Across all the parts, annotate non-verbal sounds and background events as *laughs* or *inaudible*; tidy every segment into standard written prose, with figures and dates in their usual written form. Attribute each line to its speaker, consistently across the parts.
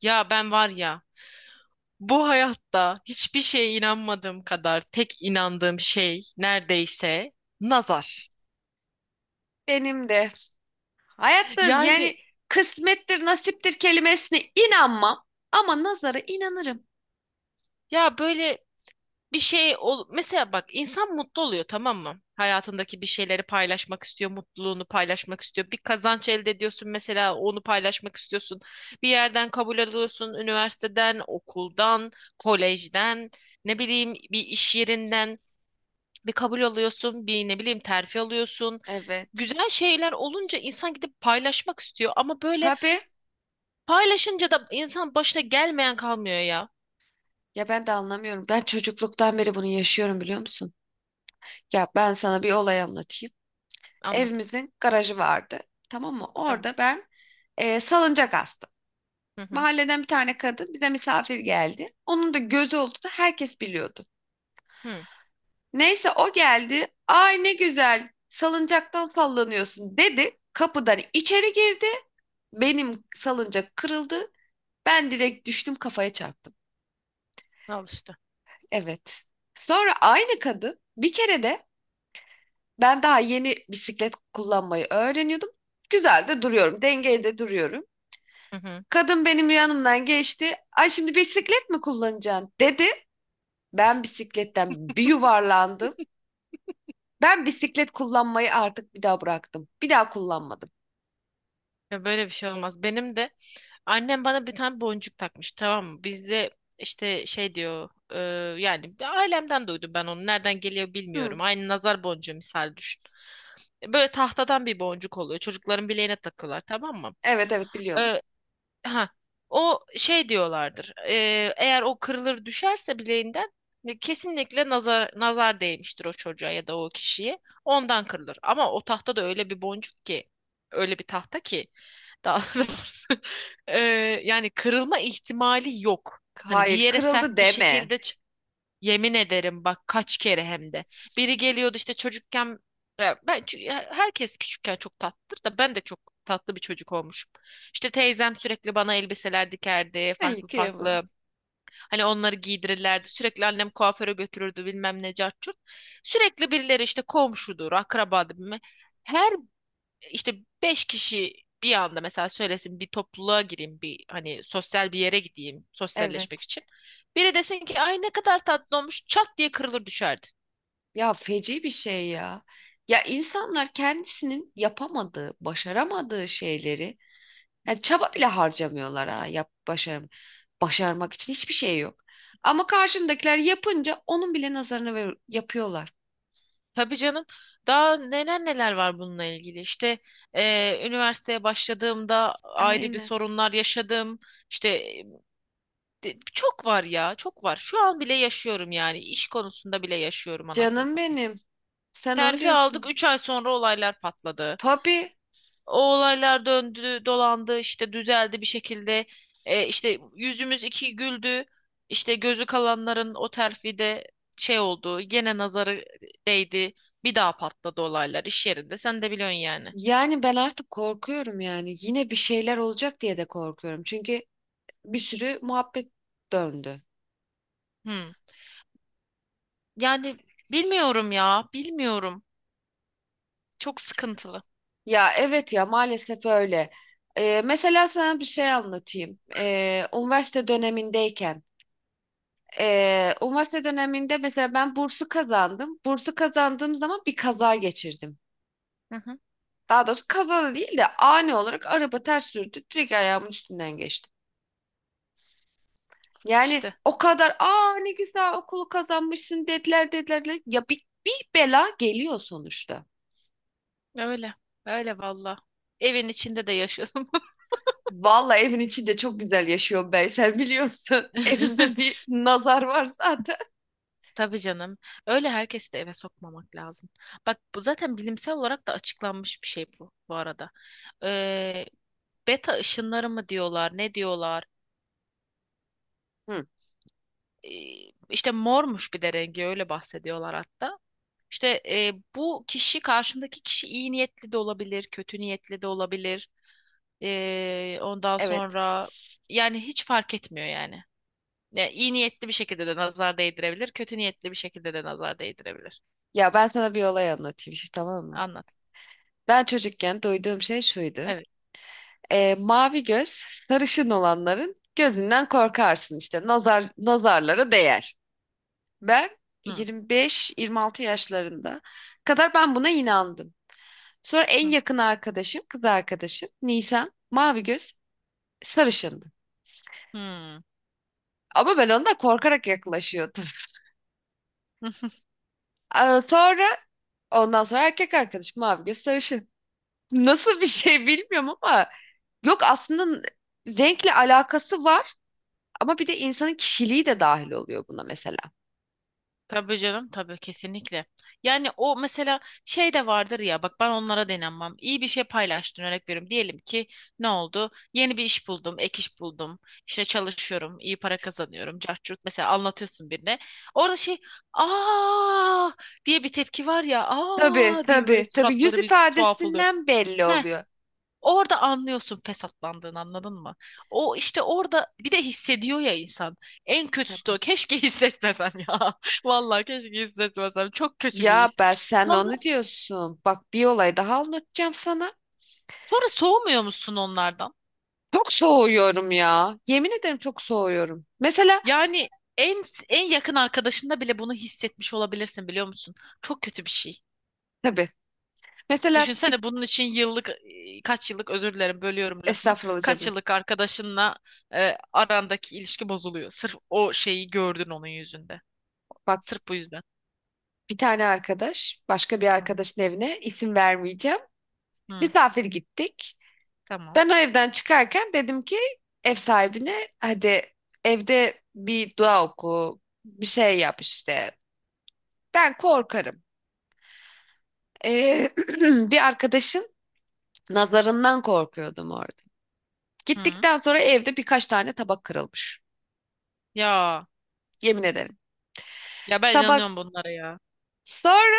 Speaker 1: Ya ben var ya, bu hayatta hiçbir şeye inanmadığım kadar tek inandığım şey neredeyse nazar.
Speaker 2: Benim de. Hayatta
Speaker 1: Yani
Speaker 2: yani kısmettir, nasiptir kelimesine inanmam ama nazara inanırım.
Speaker 1: ya, böyle bir şey ol mesela, bak insan mutlu oluyor, tamam mı? Hayatındaki bir şeyleri paylaşmak istiyor, mutluluğunu paylaşmak istiyor. Bir kazanç elde ediyorsun mesela, onu paylaşmak istiyorsun. Bir yerden kabul alıyorsun, üniversiteden, okuldan, kolejden, ne bileyim bir iş yerinden. Bir kabul alıyorsun, bir ne bileyim terfi alıyorsun.
Speaker 2: Evet.
Speaker 1: Güzel şeyler olunca insan gidip paylaşmak istiyor, ama böyle
Speaker 2: Tabii.
Speaker 1: paylaşınca da insan başına gelmeyen kalmıyor ya.
Speaker 2: Ya ben de anlamıyorum. Ben çocukluktan beri bunu yaşıyorum, biliyor musun? Ya ben sana bir olay anlatayım.
Speaker 1: Anlat.
Speaker 2: Evimizin garajı vardı. Tamam mı?
Speaker 1: Tamam.
Speaker 2: Orada ben salıncak astım.
Speaker 1: Hı hı.
Speaker 2: Mahalleden bir tane kadın bize misafir geldi. Onun da gözü olduğunu herkes biliyordu.
Speaker 1: Hı.
Speaker 2: Neyse o geldi. "Ay, ne güzel salıncaktan sallanıyorsun," dedi. Kapıdan içeri girdi. Benim salıncak kırıldı. Ben direkt düştüm, kafaya çarptım.
Speaker 1: Al işte.
Speaker 2: Evet. Sonra aynı kadın bir kere de, ben daha yeni bisiklet kullanmayı öğreniyordum. Güzel de duruyorum. Dengeli de duruyorum.
Speaker 1: Hı hı.
Speaker 2: Kadın benim yanımdan geçti. "Ay, şimdi bisiklet mi kullanacaksın," dedi. Ben bisikletten bir yuvarlandım. Ben bisiklet kullanmayı artık bir daha bıraktım. Bir daha kullanmadım.
Speaker 1: Ya, böyle bir şey olmaz. Benim de annem bana bir tane boncuk takmış, tamam mı? Bizde işte şey diyor, yani ailemden duydum ben onu. Nereden geliyor
Speaker 2: Hı,
Speaker 1: bilmiyorum. Aynı nazar boncuğu, misal düşün. Böyle tahtadan bir boncuk oluyor. Çocukların bileğine takıyorlar, tamam mı?
Speaker 2: evet, evet, biliyorum.
Speaker 1: E, ha o şey diyorlardır. Eğer o kırılır düşerse bileğinden, kesinlikle nazar değmiştir o çocuğa ya da o kişiye. Ondan kırılır. Ama o tahta da öyle bir boncuk ki, öyle bir tahta ki, daha *laughs* doğrusu, ee, yani kırılma ihtimali yok. Hani bir
Speaker 2: Hayır,
Speaker 1: yere
Speaker 2: kırıldı
Speaker 1: sert bir
Speaker 2: deme.
Speaker 1: şekilde. Yemin ederim bak, kaç kere hem de. Biri geliyordu işte çocukken, ya ben çünkü herkes küçükken çok tatlıdır da, ben de çok tatlı bir çocuk olmuşum. İşte teyzem sürekli bana elbiseler dikerdi,
Speaker 2: Hayır,
Speaker 1: farklı
Speaker 2: kıyamam.
Speaker 1: farklı. Hani onları giydirirlerdi. Sürekli annem kuaföre götürürdü, bilmem ne cart curt. Sürekli birileri işte komşudur, akrabadır. Her işte, beş kişi bir anda mesela söylesin, bir topluluğa gireyim, bir hani sosyal bir yere gideyim sosyalleşmek
Speaker 2: Evet.
Speaker 1: için. Biri desin ki ay ne kadar tatlı olmuş, çat diye kırılır düşerdi.
Speaker 2: Ya, feci bir şey ya. Ya, insanlar kendisinin yapamadığı, başaramadığı şeyleri, yani çaba bile harcamıyorlar ha. Yap, başarım. Başarmak için hiçbir şey yok. Ama karşındakiler yapınca onun bile nazarını ver yapıyorlar.
Speaker 1: Tabii canım, daha neler neler var bununla ilgili işte, üniversiteye başladığımda ayrı bir
Speaker 2: Aynen.
Speaker 1: sorunlar yaşadım, işte çok var ya, çok var, şu an bile yaşıyorum, yani iş konusunda bile yaşıyorum anasını
Speaker 2: Canım
Speaker 1: satayım.
Speaker 2: benim. Sen onu
Speaker 1: Terfi aldık,
Speaker 2: diyorsun.
Speaker 1: 3 ay sonra olaylar patladı.
Speaker 2: Tabii.
Speaker 1: O olaylar döndü, dolandı, işte düzeldi bir şekilde. E, işte yüzümüz iki güldü. İşte gözü kalanların o terfide şey oldu. Gene nazarı değdi. Bir daha patladı olaylar iş yerinde. Sen de biliyorsun yani.
Speaker 2: Yani ben artık korkuyorum yani. Yine bir şeyler olacak diye de korkuyorum. Çünkü bir sürü muhabbet döndü.
Speaker 1: Hmm. Yani bilmiyorum ya, bilmiyorum. Çok sıkıntılı.
Speaker 2: Ya evet, ya maalesef öyle. Mesela sana bir şey anlatayım. Üniversite dönemindeyken. Üniversite döneminde mesela ben bursu kazandım. Bursu kazandığım zaman bir kaza geçirdim.
Speaker 1: Hı hı.
Speaker 2: Daha doğrusu kaza da değil de, ani olarak araba ters sürdü. Direkt ayağımın üstünden geçti. Yani,
Speaker 1: İşte
Speaker 2: o kadar ne güzel okulu kazanmışsın dediler, dediler, dediler. Ya bir, bir bela geliyor sonuçta.
Speaker 1: öyle. Öyle valla. Evin içinde de yaşıyorum.
Speaker 2: Vallahi evin içinde çok güzel yaşıyorum Beysel, biliyorsun. *laughs* Evimde
Speaker 1: *laughs*
Speaker 2: bir nazar var zaten.
Speaker 1: Tabii canım. Öyle, herkesi de eve sokmamak lazım. Bak bu zaten bilimsel olarak da açıklanmış bir şey bu, bu arada. Ee, beta ışınları mı diyorlar, ne diyorlar?
Speaker 2: Hı,
Speaker 1: Ee, işte mormuş bir de rengi, öyle bahsediyorlar hatta. İşte bu kişi, karşındaki kişi iyi niyetli de olabilir, kötü niyetli de olabilir. Ondan
Speaker 2: evet.
Speaker 1: sonra, yani hiç fark etmiyor yani. Ya, iyi niyetli bir şekilde de nazar değdirebilir, kötü niyetli bir şekilde de nazar değdirebilir.
Speaker 2: Ya ben sana bir olay anlatayım şimdi, tamam mı?
Speaker 1: Anlat.
Speaker 2: Ben çocukken duyduğum şey şuydu.
Speaker 1: Evet.
Speaker 2: Mavi göz sarışın olanların gözünden korkarsın, işte nazar nazarlara değer. Ben
Speaker 1: Hı.
Speaker 2: 25-26 yaşlarında kadar ben buna inandım. Sonra en
Speaker 1: Hı.
Speaker 2: yakın arkadaşım, kız arkadaşım Nisan, mavi göz sarışındı.
Speaker 1: Hmm.
Speaker 2: Ama ben ondan korkarak yaklaşıyordum.
Speaker 1: *laughs*
Speaker 2: *laughs* Aa, sonra ondan sonra erkek arkadaşım mavi göz sarışın. Nasıl bir şey bilmiyorum ama yok aslında, renkle alakası var ama bir de insanın kişiliği de dahil oluyor buna mesela.
Speaker 1: Tabii canım, tabii, kesinlikle. Yani o mesela şey de vardır ya, bak ben onlara denenmem. İyi bir şey paylaştın, örnek veriyorum. Diyelim ki ne oldu? Yeni bir iş buldum, ek iş buldum. İşte çalışıyorum, iyi para kazanıyorum. Cart, mesela anlatıyorsun birine. Orada şey, aa diye bir tepki var ya,
Speaker 2: Tabii,
Speaker 1: aa diye böyle
Speaker 2: tabii, tabii, yüz
Speaker 1: suratları bir tuhaf oluyor.
Speaker 2: ifadesinden belli
Speaker 1: He.
Speaker 2: oluyor.
Speaker 1: Orada anlıyorsun fesatlandığını, anladın mı? O işte, orada bir de hissediyor ya insan. En kötüsü de
Speaker 2: Tabii.
Speaker 1: o. Keşke hissetmesem ya. *laughs* Vallahi keşke hissetmesem. Çok kötü bir
Speaker 2: Ya
Speaker 1: his.
Speaker 2: ben, sen
Speaker 1: Sonra
Speaker 2: onu diyorsun. Bak, bir olay daha anlatacağım sana.
Speaker 1: sonra soğumuyor musun onlardan?
Speaker 2: Çok soğuyorum ya. Yemin ederim çok soğuyorum. Mesela
Speaker 1: Yani en en yakın arkadaşında bile bunu hissetmiş olabilirsin, biliyor musun? Çok kötü bir şey.
Speaker 2: tabii. Mesela bir
Speaker 1: Düşünsene, bunun için kaç yıllık, özür dilerim bölüyorum lafını.
Speaker 2: estağfurullah
Speaker 1: Kaç
Speaker 2: canım.
Speaker 1: yıllık arkadaşınla arandaki ilişki bozuluyor. Sırf o şeyi gördün onun yüzünde.
Speaker 2: Bak,
Speaker 1: Sırf bu yüzden.
Speaker 2: bir tane arkadaş, başka bir arkadaşın evine, isim vermeyeceğim.
Speaker 1: Hı,
Speaker 2: Misafir gittik.
Speaker 1: tamam.
Speaker 2: Ben o evden çıkarken dedim ki ev sahibine, hadi, evde bir dua oku, bir şey yap işte. Ben korkarım. Ee, *clears throat* bir arkadaşın nazarından korkuyordum orada.
Speaker 1: Hı.
Speaker 2: Gittikten sonra evde birkaç tane tabak kırılmış.
Speaker 1: Ya
Speaker 2: Yemin ederim.
Speaker 1: ya ben
Speaker 2: Tabak,
Speaker 1: inanıyorum bunlara ya.
Speaker 2: sonra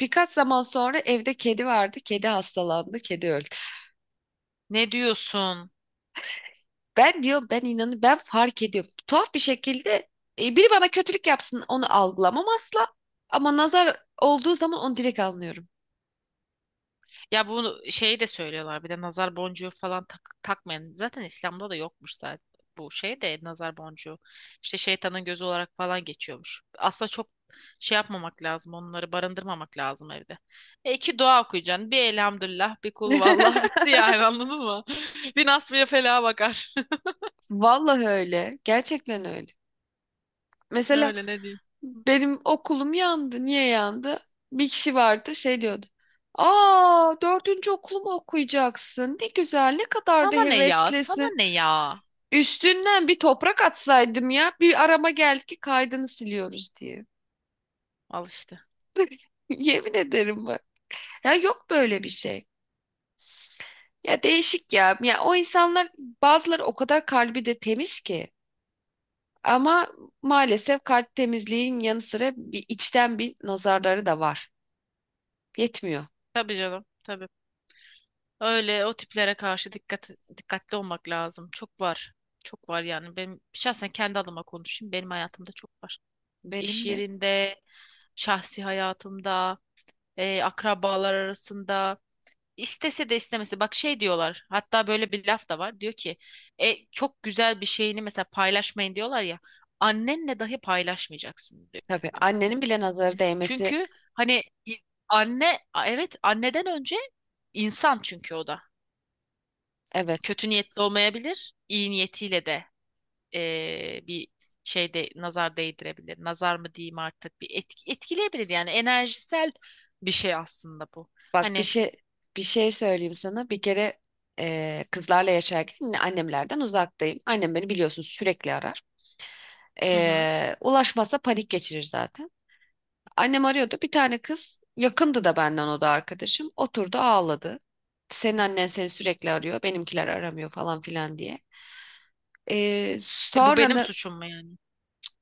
Speaker 2: birkaç zaman sonra, evde kedi vardı. Kedi hastalandı, kedi öldü.
Speaker 1: Ne diyorsun?
Speaker 2: Ben diyor, ben fark ediyorum. Tuhaf bir şekilde biri bana kötülük yapsın onu algılamam asla. Ama nazar olduğu zaman onu direkt anlıyorum.
Speaker 1: Ya, bu şeyi de söylüyorlar bir de, nazar boncuğu falan takmayın. Zaten İslam'da da yokmuş zaten bu şey de, nazar boncuğu. İşte şeytanın gözü olarak falan geçiyormuş. Aslında çok şey yapmamak lazım. Onları barındırmamak lazım evde. E iki dua okuyacaksın. Bir elhamdülillah, bir kul vallahi *laughs* bitti
Speaker 2: *laughs*
Speaker 1: yani, anladın mı? *laughs* Bir nasmiye felaha bakar.
Speaker 2: Vallahi öyle. Gerçekten öyle.
Speaker 1: *laughs*
Speaker 2: Mesela
Speaker 1: Öyle, ne diyeyim.
Speaker 2: benim okulum yandı. Niye yandı? Bir kişi vardı, şey diyordu. "Aa, dördüncü okulumu okuyacaksın. Ne güzel, ne kadar da
Speaker 1: Sana ne ya? Sana
Speaker 2: heveslisin."
Speaker 1: ne ya?
Speaker 2: Üstünden bir toprak atsaydım ya. Bir arama geldi ki kaydını siliyoruz diye.
Speaker 1: Al işte.
Speaker 2: *laughs* Yemin ederim. Ya, yok böyle bir şey. Ya değişik ya. Ya o insanlar, bazıları o kadar kalbi de temiz ki. Ama maalesef kalp temizliğin yanı sıra bir içten bir nazarları da var. Yetmiyor.
Speaker 1: Tabii canım, tabii. Öyle, o tiplere karşı dikkatli olmak lazım. Çok var. Çok var yani. Benim şahsen kendi adıma konuşayım, benim hayatımda çok var. İş
Speaker 2: Benim de.
Speaker 1: yerinde, şahsi hayatımda, akrabalar arasında. İstese de istemese. Bak, şey diyorlar. Hatta böyle bir laf da var. Diyor ki çok güzel bir şeyini mesela paylaşmayın diyorlar ya. Annenle dahi paylaşmayacaksın diyor.
Speaker 2: Tabii, annenin bile nazarı değmesi.
Speaker 1: Çünkü hani i- anne, evet, anneden önce insan, çünkü o da
Speaker 2: Evet.
Speaker 1: kötü niyetli olmayabilir, iyi niyetiyle de bir şeyde nazar değdirebilir. Nazar mı diyeyim artık, bir etkileyebilir yani, enerjisel bir şey aslında bu.
Speaker 2: Bak, bir
Speaker 1: Hani
Speaker 2: şey, söyleyeyim sana. Bir kere kızlarla yaşarken, yine annemlerden uzaktayım. Annem beni biliyorsun sürekli arar.
Speaker 1: hı hı.
Speaker 2: Ulaşmazsa panik geçirir zaten. Annem arıyordu. Bir tane kız yakındı da benden, o da arkadaşım. Oturdu, ağladı. "Senin annen seni sürekli arıyor. Benimkiler aramıyor," falan filan diye.
Speaker 1: Bu
Speaker 2: Sonra
Speaker 1: benim
Speaker 2: da
Speaker 1: suçum mu yani?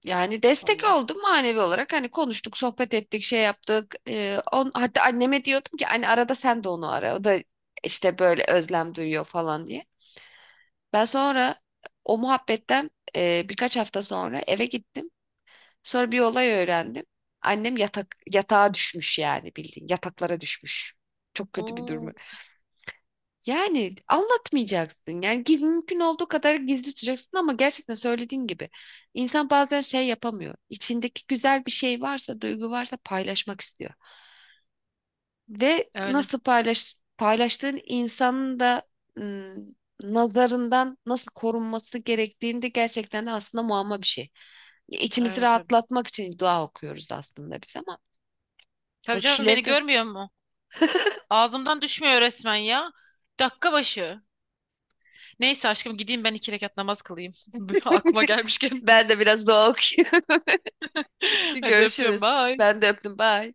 Speaker 2: yani destek
Speaker 1: Allah.
Speaker 2: oldum manevi olarak. Hani konuştuk, sohbet ettik, şey yaptık. Hatta anneme diyordum ki hani arada sen de onu ara. O da işte böyle özlem duyuyor falan diye. Ben sonra o muhabbetten birkaç hafta sonra eve gittim. Sonra bir olay öğrendim. Annem yatak yatağa düşmüş, yani bildiğin yataklara düşmüş. Çok kötü bir durumu.
Speaker 1: Oo,
Speaker 2: Yani anlatmayacaksın. Yani mümkün olduğu kadar gizli tutacaksın ama gerçekten, söylediğin gibi, insan bazen şey yapamıyor. İçindeki güzel bir şey varsa, duygu varsa paylaşmak istiyor. Ve
Speaker 1: öyle.
Speaker 2: nasıl paylaştığın insanın da nazarından nasıl korunması gerektiğini de gerçekten de aslında muamma bir şey. İçimizi
Speaker 1: Öyle tabii.
Speaker 2: rahatlatmak için dua okuyoruz aslında biz, ama O
Speaker 1: Tabii canım,
Speaker 2: kişileri
Speaker 1: beni
Speaker 2: de.
Speaker 1: görmüyor mu? Ağzımdan düşmüyor resmen ya. Dakika başı. Neyse aşkım, gideyim ben 2 rekat namaz kılayım. *laughs* Aklıma gelmişken.
Speaker 2: Ben de biraz doğa okuyorum. *laughs*
Speaker 1: *laughs* Hadi öpüyorum.
Speaker 2: Görüşürüz.
Speaker 1: Bye.
Speaker 2: Ben de öptüm. Bye.